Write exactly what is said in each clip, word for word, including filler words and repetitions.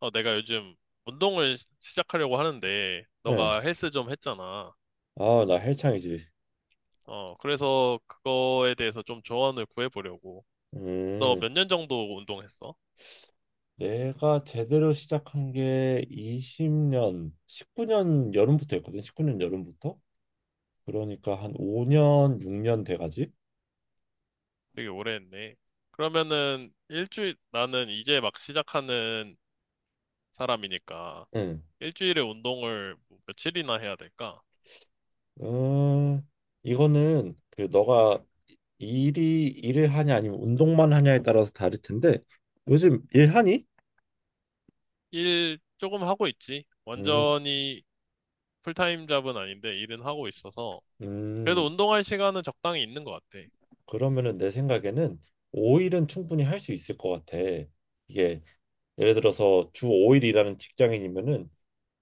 어, 내가 요즘 운동을 시- 시작하려고 하는데, 네. 너가 헬스 좀 했잖아. 아, 나 헬창이지. 어, 그래서 그거에 대해서 좀 조언을 구해보려고. 너 음, 몇 년 정도 운동했어? 내가 제대로 시작한 게 이십 년, 십구 년 여름부터 했거든. 십구 년 여름부터. 그러니까 한 오 년, 육 년 돼가지. 되게 오래 했네. 그러면은, 일주일, 나는 이제 막 시작하는 사람이니까, 응. 일주일에 운동을 뭐 며칠이나 해야 될까? 음, 이거는 그 너가 일이 일을 하냐 아니면 운동만 하냐에 따라서 다를 텐데 요즘 일하니? 일 조금 하고 있지. 음, 완전히 풀타임 잡은 아닌데, 일은 하고 있어서. 그래도 음, 운동할 시간은 적당히 있는 것 같아. 그러면은 내 생각에는 오 일은 충분히 할 수 있을 것 같아. 이게 예를 들어서 주 오 일 일하는 직장인이면은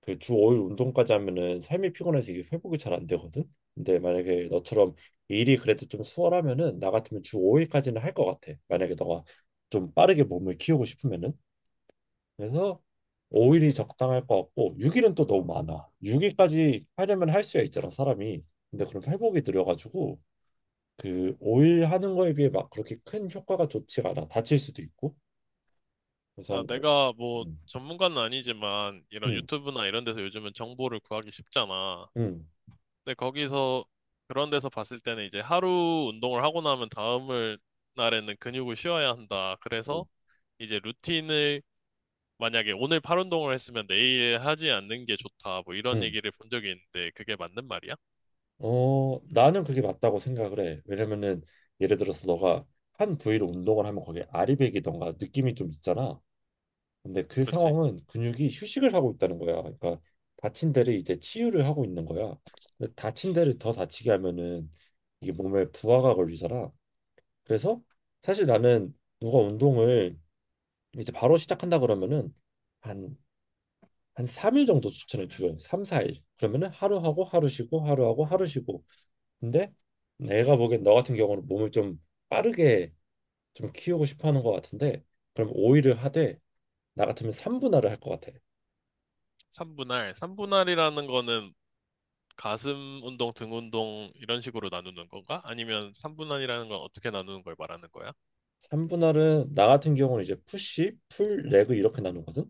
그 주 오 일 운동까지 하면은 삶이 피곤해서 이게 회복이 잘 안 되거든. 근데 만약에 너처럼 일이 그래도 좀 수월하면은 나 같으면 주 오 일까지는 할 것 같아. 만약에 너가 좀 빠르게 몸을 키우고 싶으면은 그래서 오 일이 적당할 것 같고 육 일은 또 너무 많아. 육 일까지 하려면 할 수야 있잖아 사람이. 근데 그럼 회복이 느려가지고 그 오 일 하는 거에 비해 막 그렇게 큰 효과가 좋지가 않아. 다칠 수도 있고. 아, 우선 내가 뭐 음, 전문가는 아니지만 이런 음, 유튜브나 이런 데서 요즘은 정보를 구하기 쉽잖아. 음, 근데 거기서 그런 데서 봤을 때는 이제 하루 운동을 하고 나면 다음을 날에는 근육을 쉬어야 한다. 그래서 음, 이제 루틴을 만약에 오늘 팔 운동을 했으면 내일 하지 않는 게 좋다. 뭐 이런 음. 얘기를 본 적이 있는데 그게 맞는 말이야? 어, 나는 그게 맞다고 생각을 해. 왜냐면은 예를 들어서 너가 한 부위로 운동을 하면 거기에 아리백이던가 느낌이 좀 있잖아. 근데 그 그렇지. 상황은 근육이 휴식을 하고 있다는 거야. 그러니까 다친 데를 이제 치유를 하고 있는 거야. 근데 다친 데를 더 다치게 하면은 이게 몸에 부하가 걸리잖아. 그래서 사실 나는 누가 운동을 이제 바로 시작한다 그러면은 한 한 삼 일 정도 추천을 줘요. 삼, 사 일. 그러면은 하루 하고 하루 쉬고 하루 하고 하루 쉬고. 근데 애가 보기엔 너 같은 경우는 몸을 좀 빠르게 좀 키우고 싶어 하는 것 같은데 그럼 오 일을 하되 나 같으면 삼분할을 할 것 같아. 삼분할 삼분할이라는 거는 가슴 운동, 등 운동 이런 식으로 나누는 건가? 아니면 삼분할이라는 건 어떻게 나누는 걸 말하는 거야? 삼분할은 나 같은 경우는 이제 푸시, 풀, 레그 이렇게 나누거든.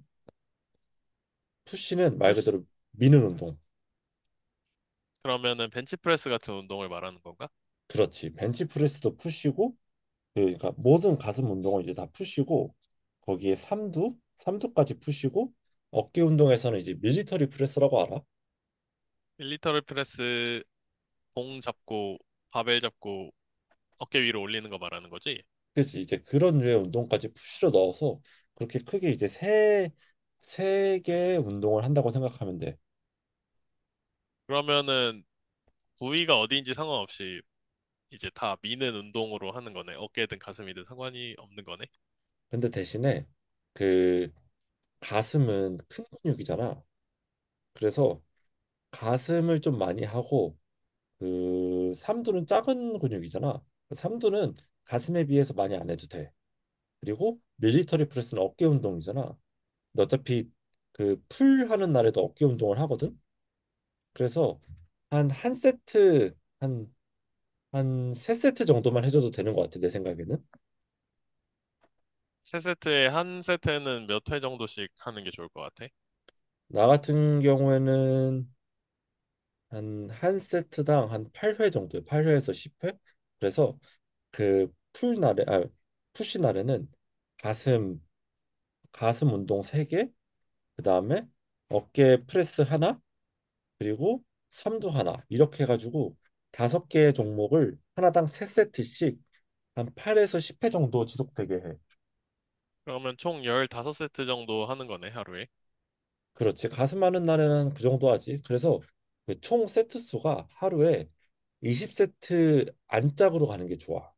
푸시는 말 그대로 미는 운동. 그러면은 벤치프레스 같은 운동을 말하는 건가? 그렇지. 벤치프레스도 푸시고 그, 그러니까 모든 가슴 운동은 이제 다 푸시고 거기에 삼두, 삼두까지 푸시고 어깨 운동에서는 이제 밀리터리 프레스라고 알아? 밀리터리 프레스 봉 잡고 바벨 잡고 어깨 위로 올리는 거 말하는 거지? 그치 이제 그런 류의 운동까지 푸시로 넣어서 그렇게 크게 이제 세 세 개의 운동을 한다고 생각하면 돼. 그러면은 부위가 어디인지 상관없이 이제 다 미는 운동으로 하는 거네. 어깨든 가슴이든 상관이 없는 거네. 근데 대신에 그 가슴은 큰 근육이잖아. 그래서 가슴을 좀 많이 하고 그 삼두는 작은 근육이잖아. 삼두는 가슴에 비해서 많이 안 해도 돼. 그리고 밀리터리 프레스는 어깨 운동이잖아. 근데 어차피 그 풀 하는 날에도 어깨 운동을 하거든. 그래서 한 한 세트 한 한 세세트 정도만 해줘도 되는 것 같아, 내 생각에는. 세 세트에 한 세트는 몇 회 정도씩 하는 게 좋을 것 같아. 나 같은 경우에는 한 한 세트당 한 팔 회 정도, 팔 회에서 십 회? 그래서 그 풀날에, 아, 푸시 날에는 가슴, 가슴 운동 세 개, 그 다음에 어깨 프레스 하나, 그리고 삼두 하나, 이렇게 해가지고 다섯 개의 종목을 하나당 세세트씩한 팔에서 십 회 정도 지속되게 해. 그러면 총 십오 세트 정도 하는 거네, 하루에. 그렇지. 가슴 많은 날에는 그 정도 하지. 그래서 그총 세트 수가 하루에 이십 세트 안짝으로 가는 게 좋아.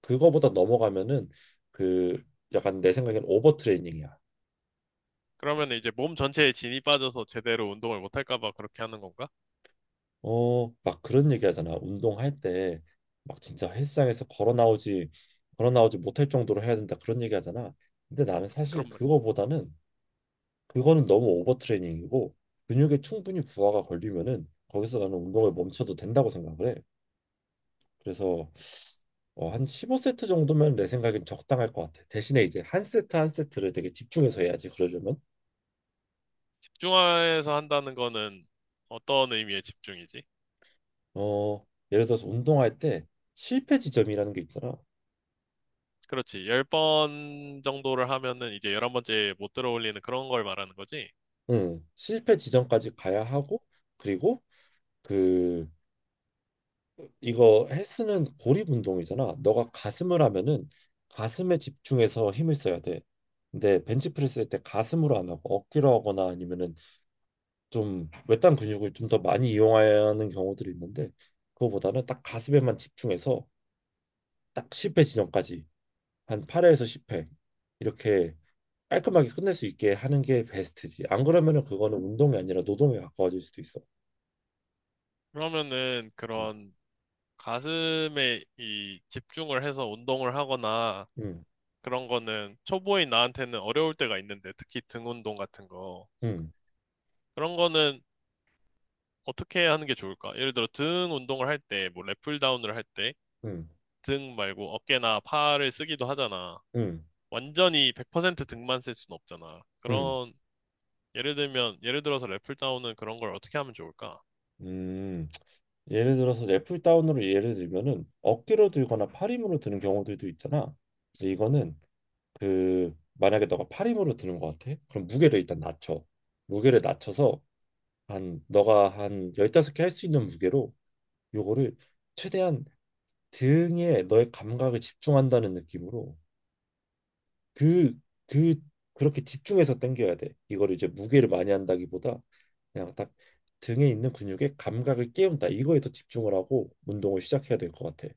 그거보다 넘어가면은 그 약간 내 생각엔 오버트레이닝이야. 그러면 이제 몸 전체에 진이 빠져서 제대로 운동을 못 할까 봐 그렇게 하는 건가? 어, 막 그런 얘기 하잖아. 운동할 때 막 진짜 헬스장에서 걸어 나오지 걸어 나오지 못할 정도로 해야 된다. 그런 얘기 하잖아. 근데 나는 사실 그럼 말이야. 그거보다는 그거는 너무 오버트레이닝이고 근육에 충분히 부하가 걸리면은 거기서 나는 운동을 멈춰도 된다고 생각을 해. 그래서 어, 한 십오 세트 정도면 내 생각엔 적당할 것 같아. 대신에 이제 한 세트 한 세트를 되게 집중해서 해야지. 그러려면 집중해서 한다는 거는 어떤 의미의 집중이지? 어, 예를 들어서 운동할 때 실패 지점이라는 게 있잖아. 그렇지. 열 번 정도를 하면은 이제 열한 번째 못 들어올리는 그런 걸 말하는 거지. 응, 실패 지점까지 가야 하고 그리고 그 이거 헬스는 고립 운동이잖아. 너가 가슴을 하면은 가슴에 집중해서 힘을 써야 돼. 근데 벤치프레스 할 때 가슴으로 안 하고 어깨로 하거나 아니면은 좀 외딴 근육을 좀 더 많이 이용하는 경우들이 있는데 그거보다는 딱 가슴에만 집중해서 딱 십 회 지점까지 한 팔 회에서 십 회 이렇게 깔끔하게 끝낼 수 있게 하는 게 베스트지. 안 그러면은 그거는 운동이 아니라 노동에 가까워질 수도 있어. 그러면은 음, 그런 가슴에 이 집중을 해서 운동을 하거나 음, 그런 거는 초보인 나한테는 어려울 때가 있는데 특히 등 운동 같은 거. 음, 그런 거는 어떻게 하는 게 좋을까? 예를 들어 등 운동을 할 때, 뭐 랫풀 다운을 할 때 음, 등 말고 어깨나 팔을 쓰기도 하잖아. 음, 완전히 백 퍼센트 등만 쓸 수는 없잖아. 음. 그런 예를 들면 예를 들어서 랫풀 다운은 그런 걸 어떻게 하면 좋을까? 음, 예를 들어서 애플 다운으로 예를 들면은 어깨로 들거나 팔힘으로 드는 경우들도 있잖아. 근데 이거는 그 만약에 너가 팔힘으로 드는 것 같아? 그럼 무게를 일단 낮춰. 무게를 낮춰서 한 너가 한 열다섯 개 할 수 있는 무게로 요거를 최대한 등에 너의 감각에 집중한다는 느낌으로 그 그 그렇게 집중해서 당겨야 돼. 이거를 이제 무게를 많이 한다기보다 그냥 딱 등에 있는 근육에 감각을 깨운다. 이거에 더 집중을 하고 운동을 시작해야 될 것 같아.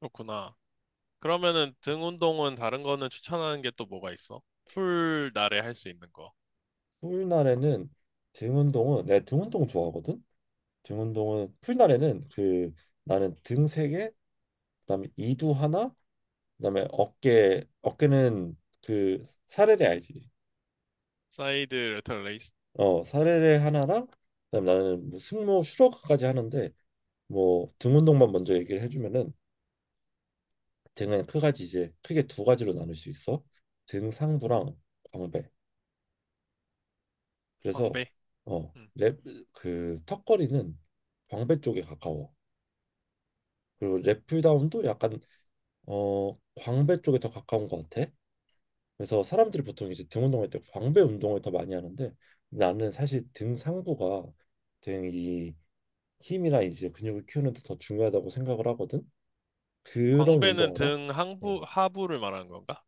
그렇구나. 그러면은 등 운동은 다른 거는 추천하는 게 또 뭐가 있어? 풀 날에 할 수 있는 거. 풀날에는 등 운동은 내가 등 운동 좋아하거든. 등 운동은 풀날에는 그 나는 등 세 개, 그다음에 이두 하나, 그다음에 어깨 어깨는 그 사레레 알지? 사이드 레터 레이스, 어, 사례를 하나랑 그다음 나는 뭐 승모 슈로크까지 하는데 뭐 등 운동만 먼저 얘기를 해주면은 등은 크가지 이제 크게 두 가지로 나눌 수 있어. 등 상부랑 광배. 그래서 광배. 어, 음. 랩그 턱걸이는 광배 쪽에 가까워. 그리고 랩풀다운도 약간 어 광배 쪽에 더 가까운 것 같아. 그래서 사람들이 보통 이제 등 운동할 때 광배 운동을 더 많이 하는데 나는 사실 등 상부가 등이 힘이나 이제 근육을 키우는 데 더 중요하다고 생각을 하거든. 그런 광배는 운동 알아? 등 응. 항부, 하부를 말하는 건가?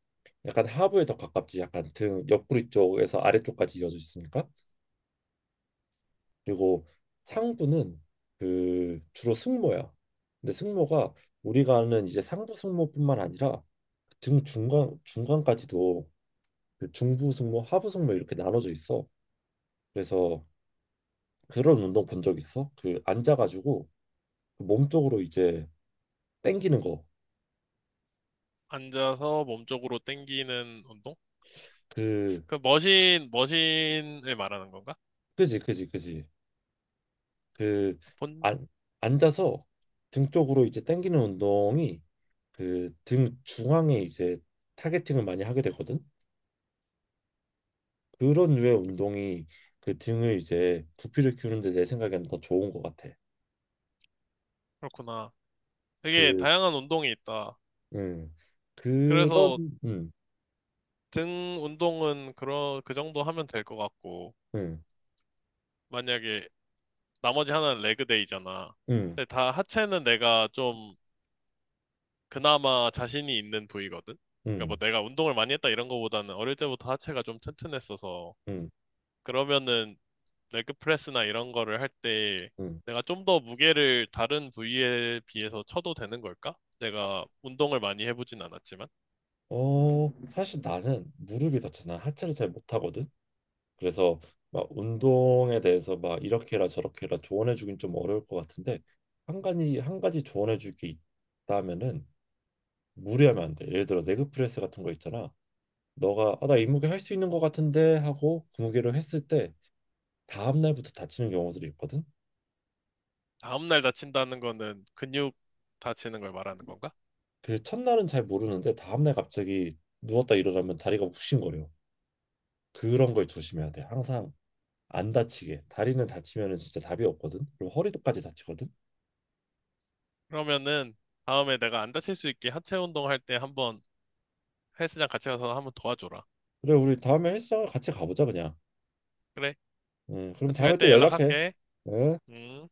약간 하부에 더 가깝지. 약간 등 옆구리 쪽에서 아래쪽까지 이어져 있으니까. 그리고 상부는 그 주로 승모야. 근데 승모가 우리가 아는 이제 상부 승모뿐만 아니라 등 중간 중간까지도 그 중부 승모, 하부 승모 이렇게 나눠져 있어. 그래서 그런 운동 본 적 있어? 그 앉아가지고 몸 쪽으로 이제 당기는 거. 앉아서 몸 쪽으로 당기는 운동? 그 그 머신, 머신을 말하는 건가? 그지, 그지, 그지. 그 본, 안, 앉아서 등 쪽으로 이제 당기는 운동이 그 등 중앙에 이제 타겟팅을 많이 하게 되거든. 그런 류의 운동이 그 등을 이제 부피를 키우는데 내 생각에는 더 좋은 것 같아. 그렇구나. 되게 그, 다양한 운동이 있다. 음, 그런, 그래서 음, 등 운동은 그런, 그 정도 하면 될 것 같고, 음, 만약에 나머지 하나는 레그데이잖아. 음, 근데 다 하체는 내가 좀 그나마 자신이 있는 부위거든? 그러니까 뭐 음, 내가 운동을 많이 했다 이런 거보다는 어릴 때부터 하체가 좀 튼튼했어서 음, 그러면은 레그프레스나 이런 거를 할 때 음. 내가 좀 더 무게를 다른 부위에 비해서 쳐도 되는 걸까? 내가 운동을 많이 해보진 않았지만 어, 사실 나는 무릎이 다쳐서 난 하체를 잘 못하거든. 그래서 막 운동에 대해서 막 이렇게 해라 저렇게 해라 조언해 주긴 좀 어려울 것 같은데 한 가지 한 가지 조언해 줄 게 있다면은 무리하면 안 돼. 예를 들어 레그 프레스 같은 거 있잖아. 너가 아, 나 이 무게 할 수 있는 것 같은데 하고 그 무게를 했을 때 다음 날부터 다치는 경우들이 있거든. 다음날 다친다는 거는 근육 다치는 걸 말하는 건가? 그 첫날은 잘 모르는데 다음 날 갑자기 누웠다 일어나면 다리가 욱신거려. 그런 걸 조심해야 돼. 항상 안 다치게. 다리는 다치면은 진짜 답이 없거든. 그리고 허리도까지 다치거든. 그러면은 다음에 내가 안 다칠 수 있게 하체 운동할 때 한번 헬스장 같이 가서 한번 도와줘라. 그래 우리 다음에 헬스장을 같이 가보자 그냥. 그래? 음, 그럼 같이 갈 다음에 또 때 연락해. 연락할게. 응? 음.